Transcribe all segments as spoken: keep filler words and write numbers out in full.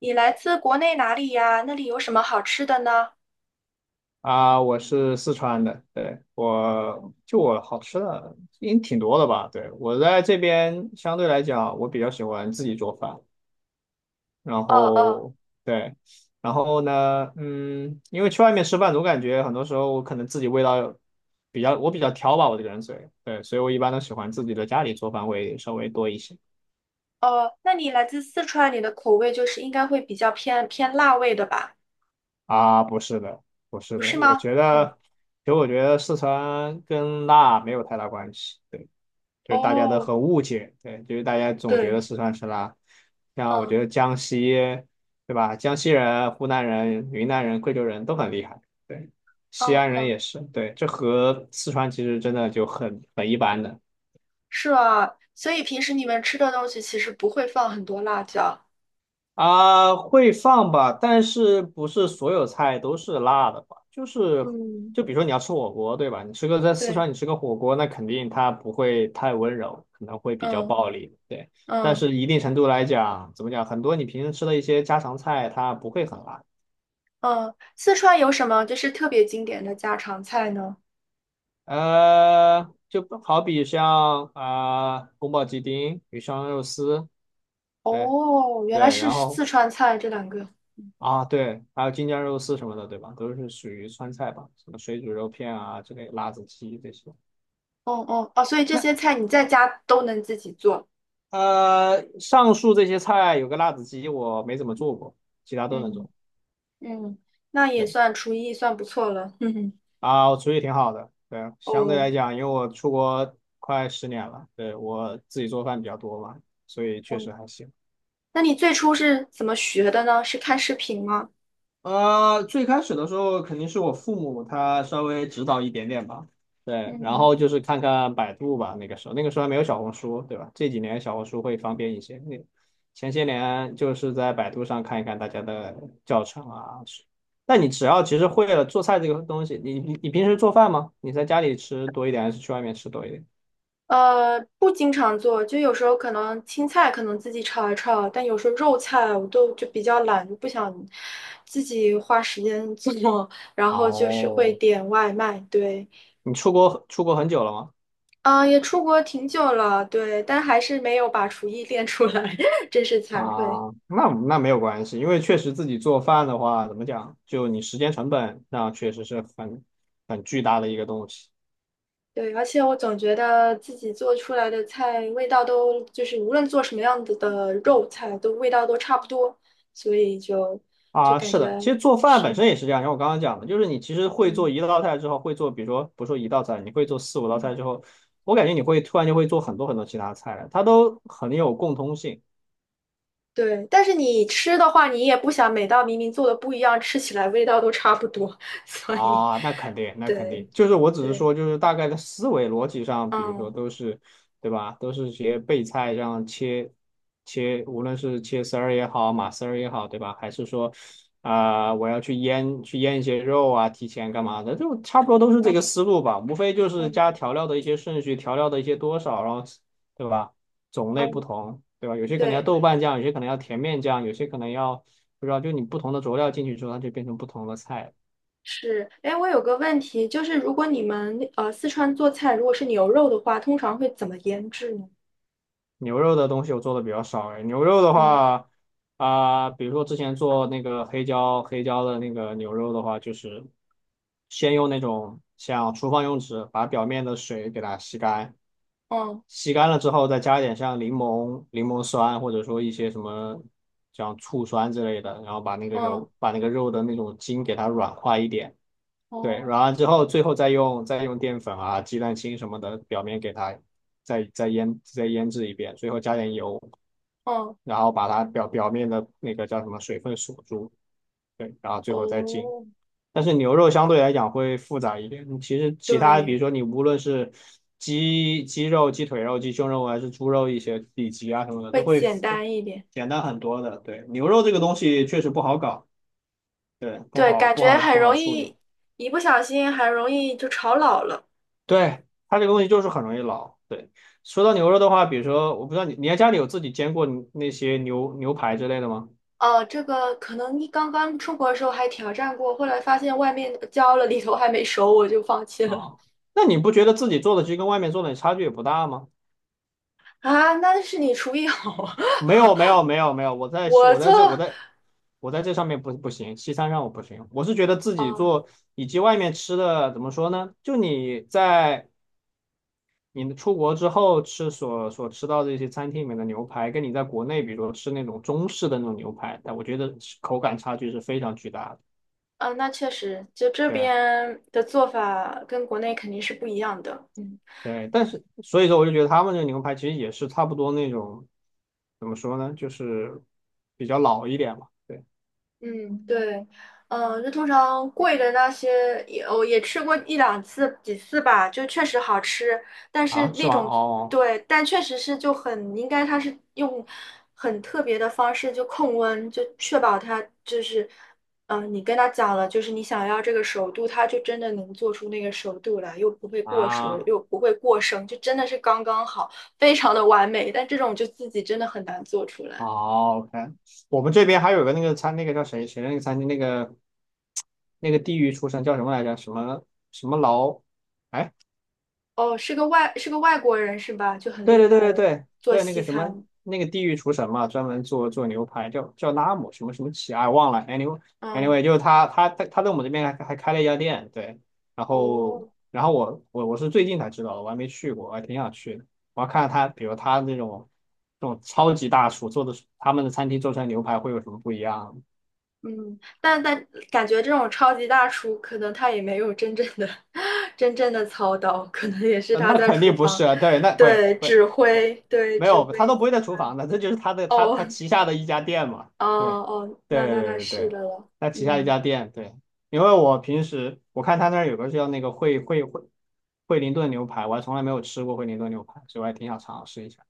你来自国内哪里呀？那里有什么好吃的呢？啊，我是四川的，对，我就我好吃的应挺多的吧？对，我在这边相对来讲，我比较喜欢自己做饭，然哦哦后对，然后呢，嗯，因为去外面吃饭，总感觉很多时候我可能自己味道比较，我比较挑吧，我这个人嘴，对，所以我一般都喜欢自己的家里做饭会稍微多一些。哦，那你来自四川，你的口味就是应该会比较偏偏辣味的吧？啊，不是的，不是不的，是我吗？觉哦得，其实我觉得四川跟辣没有太大关系，对。就是大家都哦，很误解，对，就是大家总觉得对，四川吃辣，像我觉嗯得江西，对吧？江西人、湖南人、云南人、贵州人都很厉害，对，嗯西安人嗯，也是，对，这和四川其实真的就很很一般的。是啊，所以平时你们吃的东西其实不会放很多辣椒。啊，会放吧，但是不是所有菜都是辣的吧？就是，嗯，就比如说你要吃火锅，对吧？你吃个在四对，川，你吃个火锅，那肯定它不会太温柔，可能会比较嗯暴力，对。但嗯是一定程度来讲，怎么讲？很多你平时吃的一些家常菜，它不会很辣。嗯，四川有什么就是特别经典的家常菜呢？呃，就好比像啊、宫保鸡丁、鱼香肉丝，对哦，原来对，是然四后川菜这两个。啊，对，还有京酱肉丝什么的，对吧？都是属于川菜吧，什么水煮肉片啊之类，辣子鸡这些。哦哦哦，所以这那些菜你在家都能自己做。呃，上述这些菜有个辣子鸡，我没怎么做过，其他都能嗯做。嗯，那也对算厨艺算不错了。哼哼，啊，我厨艺挺好的。对，相对来哦，讲，因为我出国快十年了，对，我自己做饭比较多嘛，所以确嗯，实还行。那你最初是怎么学的呢？是看视频吗？呃，最开始的时候肯定是我父母他稍微指导一点点吧，对，然嗯，后就是看看百度吧，那个时候那个时候还没有小红书，对吧？这几年小红书会方便一些，那前些年就是在百度上看一看大家的教程啊。那你只要其实会了做菜这个东西，你你你平时做饭吗？你在家里吃多一点还是去外面吃多一点？呃，不经常做，就有时候可能青菜可能自己炒一炒，但有时候肉菜我都就比较懒，就不想自己花时间做，然后就是会哦，点外卖。对，你出国出国很久了吗？嗯、也出国挺久了，对，但还是没有把厨艺练出来，真是惭愧。啊，那那没有关系，因为确实自己做饭的话，怎么讲，就你时间成本，那确实是很很巨大的一个东西对，而且我总觉得自己做出来的菜味道都就是无论做什么样子的肉菜，都味道都差不多，所以就就啊。感是觉的，其实做饭本是，身也是这样，像我刚刚讲的，就是你其实会做嗯一道菜之后，会做，比如说不说一道菜，你会做四五道嗯，菜之后，我感觉你会突然就会做很多很多其他菜了，它都很有共通性。对。但是你吃的话，你也不想每道明明做的不一样，吃起来味道都差不多，所以啊，那肯定，那肯对定，就是我只是对，说，就是大概的思维逻辑上，比如说嗯都是，对吧？都是些备菜这样切切，无论是切丝儿也好，码丝儿也好，对吧？还是说，啊、我要去腌去腌一些肉啊，提前干嘛的，就差不多都是这个嗯思路吧，无非就是嗯加调料的一些顺序，调料的一些多少，然后，对吧？种类不嗯，同，对吧？有些可能要对，豆瓣酱，有些可能要甜面酱，有些可能要不知道，就你不同的佐料进去之后，它就变成不同的菜。是。哎，我有个问题，就是如果你们呃四川做菜，如果是牛肉的话，通常会怎么腌制呢？牛肉的东西我做的比较少哎，牛肉的嗯话啊、比如说之前做那个黑椒黑椒的那个牛肉的话，就是先用那种像厨房用纸把表面的水给它吸干，嗯。吸干了之后再加一点像柠檬柠檬酸或者说一些什么像醋酸之类的，然后把那个嗯，肉把那个肉的那种筋给它软化一点。对，哦，然后之后最后再用再用淀粉啊、鸡蛋清什么的，表面给它再再腌再腌制一遍，最后加点油，嗯，然后把它表表面的那个叫什么水分锁住，对，然后最后再浸。哦，但是牛肉相对来讲会复杂一点，其实其他比对，如说你无论是鸡鸡肉、鸡腿肉、鸡胸肉还是猪肉一些里脊啊什么的，都会会简单一点。简单很多的。对，牛肉这个东西确实不好搞，对，不对，好感不觉好很不好容处理。易，一不小心很容易就炒老了。对，它这个东西就是很容易老。对，说到牛肉的话，比如说，我不知道你，你在家里有自己煎过你那些牛牛排之类的吗？哦，这个可能你刚刚出国的时候还挑战过，后来发现外面焦了，里头还没熟，我就放弃了。啊，那你不觉得自己做的其实跟外面做的差距也不大吗？啊，那是你厨艺好啊，没有，没有，没有，没有，我 在我我做，在这我在我在这上面不不行，西餐上我不行，我是觉得自己哦，做以及外面吃的怎么说呢？就你在你出国之后吃所所吃到的一些餐厅里面的牛排，跟你在国内比如说吃那种中式的那种牛排，但我觉得口感差距是非常巨大的。啊，那确实，就这对边的做法跟国内肯定是不一样的。嗯。对，但是所以说我就觉得他们这个牛排其实也是差不多那种，怎么说呢，就是比较老一点嘛。对嗯，对，嗯，就通常贵的那些也我也吃过一两次几次吧，就确实好吃，但是啊，是那吧？种哦对，但确实是就很应该它是用很特别的方式就控温，就确保它就是，嗯，你跟他讲了，就是你想要这个熟度，它就真的能做出那个熟度来，又不会过熟，啊，又不会过生，就真的是刚刚好，非常的完美，但这种就自己真的很难做出来。好，OK。我们这边嗯。还有个那个餐，那个叫谁谁的那个餐厅，那个那个地狱出神叫什么来着？什么什么劳？哎，哦，是个外是个外国人是吧？就很对厉对对害对了，对做对，那西个什么，餐。那个地狱厨神嘛，专门做做牛排，叫叫拉姆什么什么奇，哎，忘了。Anyway 嗯，anyway，就是他他他他在我们这边还还开了一家店，对。然后哦，然后我我我是最近才知道的，我还没去过，我还挺想去的。我要看看他，比如他那种这种超级大厨做的，他们的餐厅做出来牛排会有什么不一样。嗯，但但感觉这种超级大厨，可能他也没有真正的 真正的操刀，可能也是呃他那在肯厨定不是房，啊，对，那不会对，不会指不挥，对，没指有，他挥都其不会在厨他。房的，这就是他的他哦，他旗下的一家店嘛，哦对，哦，那对对那对那对是对，的了。他旗下一嗯。家店，对，因为我平时我看他那儿有个叫那个惠惠惠惠灵顿牛排，我还从来没有吃过惠灵顿牛排，所以我还挺想尝试一下。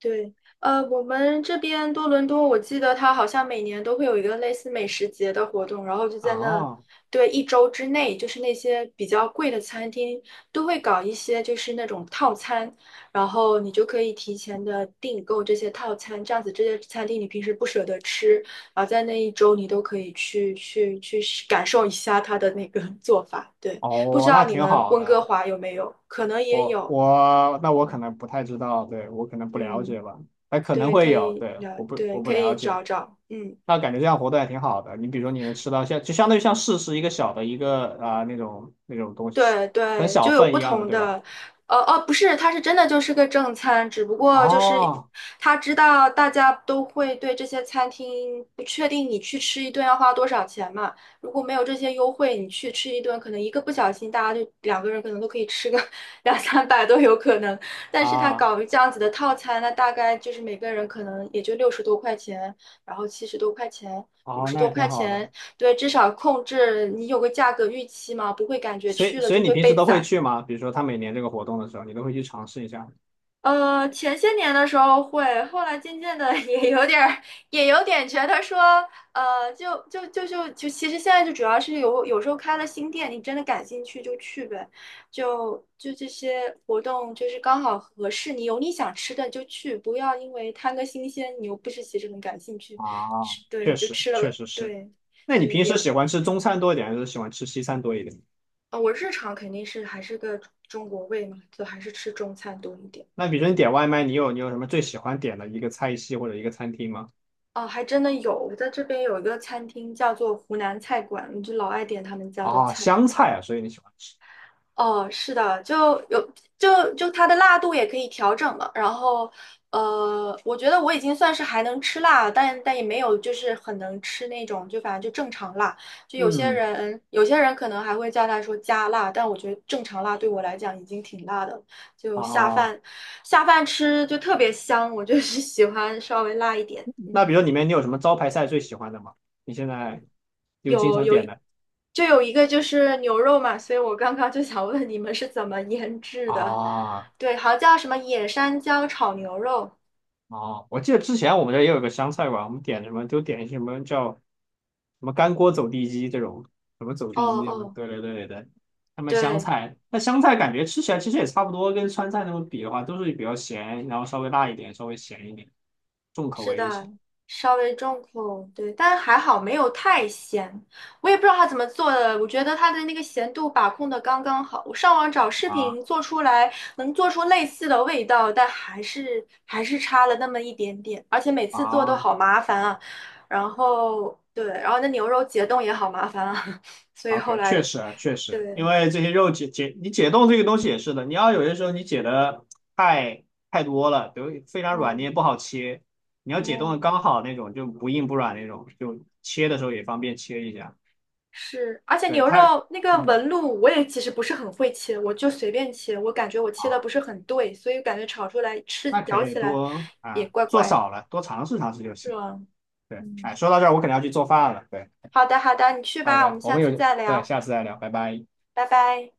对，呃，我们这边多伦多，我记得它好像每年都会有一个类似美食节的活动，然后就在那，啊，对，一周之内，就是那些比较贵的餐厅都会搞一些就是那种套餐，然后你就可以提前的订购这些套餐，这样子这些餐厅你平时不舍得吃，然后在那一周你都可以去去去试感受一下它的那个 做法。对，不知哦，道那你挺们好温哥的，华有没有？可能也我有。我那我可嗯能不太知道，对，我可能不了解嗯。吧，还可能对，会可有，以对，了，我不对，我不可了以找解。找，嗯，那感觉这样活动还挺好的。你比如说，你能吃到像就相当于像市是一个小的一个啊、呃那种那种东西，对很对，小就有份不一样的，同对吧？的，呃哦，不是，它是真的就是个正餐，只不过就是哦他知道大家都会对这些餐厅不确定，你去吃一顿要花多少钱嘛？如果没有这些优惠，你去吃一顿，可能一个不小心，大家就两个人可能都可以吃个 两三百都有可能。但是他啊搞这样子的套餐，那大概就是每个人可能也就六十多块钱，然后七十多块钱。五哦，十那多也挺块好的。钱，对，至少控制你有个价格预期嘛，不会感觉所以去了所以就你会平时被都会宰。去吗？比如说他每年这个活动的时候，你都会去尝试一下呃，前些年的时候会，后来渐渐的 也有点儿，也有点觉得说，呃，就就就就就，其实现在就主要是有有时候开了新店，你真的感兴趣就去呗，就就这些活动就是刚好合适你，有你想吃的就去，不要因为贪个新鲜，你又不是其实很感兴趣，啊？吃对确就实吃确了，实是。对那你对平也时喜欢吃中嗯。餐多一点，还是喜欢吃西餐多一点？啊，我日常肯定是还是个中国胃嘛，就还是吃中餐多一点。那比如说你嗯，点外卖，你有你有什么最喜欢点的一个菜系或者一个餐厅吗？哦，还真的有，我在这边有一个餐厅叫做湖南菜馆，我就老爱点他们家的啊，菜。湘菜啊，所以你喜欢吃。哦，是的，就有就就它的辣度也可以调整嘛。然后，呃，我觉得我已经算是还能吃辣，但但也没有就是很能吃那种，就反正就正常辣。就有些嗯人有些人可能还会叫他说加辣，但我觉得正常辣对我来讲已经挺辣的了就下啊，饭下饭吃就特别香，我就是 喜欢稍微辣一点。那嗯。比如说里面你有什么招牌菜最喜欢的吗？你现在有经常点的就有一个就是牛肉嘛，所以我刚刚就想问你们是怎么腌制的？啊对，好像叫什么野山椒炒牛肉。啊！我记得之前我们这儿也有个湘菜馆，我们点什么就点什么叫什么干锅走地鸡这种，什么走哦地鸡什么，哦，对对对对对。他们湘对。菜，那湘菜感觉吃起来其实也差不多，跟川菜那种比的话，都是比较咸，然后稍微辣一点，稍微咸一点，重口是味一的，些稍微重口，对，但还好没有太咸。我也不知道他怎么做的，我觉得他的那个咸度把控的刚刚好。我上网找视啊频做出来，能做出类似的味道，但还是还是差了那么一点点。而且每次做都啊。 好麻烦啊，然后对，然后那牛肉解冻也好麻烦啊，所以后 OK,来确实啊，确实，对，因为这些肉解解，你解冻这个东西也是的，你要有些时候你解的太太多了，比如非常软你嗯也不好切，你要解冻的嗯。刚好那种，就不硬不软那种，就切的时候也方便切一下。是，而且对，牛它，肉那个嗯，纹路，我也其实不是很会切，我就随便切，我感觉我切的好，不是很对，所以感觉炒出来吃那可咬以起来多也啊，怪做怪的，少了多尝试尝试就是行。吧？对，嗯，哎，说到这儿我可能要去做饭了。对好的好的，你去吧，我，OK,们我下们次有，再对，聊，下次再聊，拜拜。拜拜。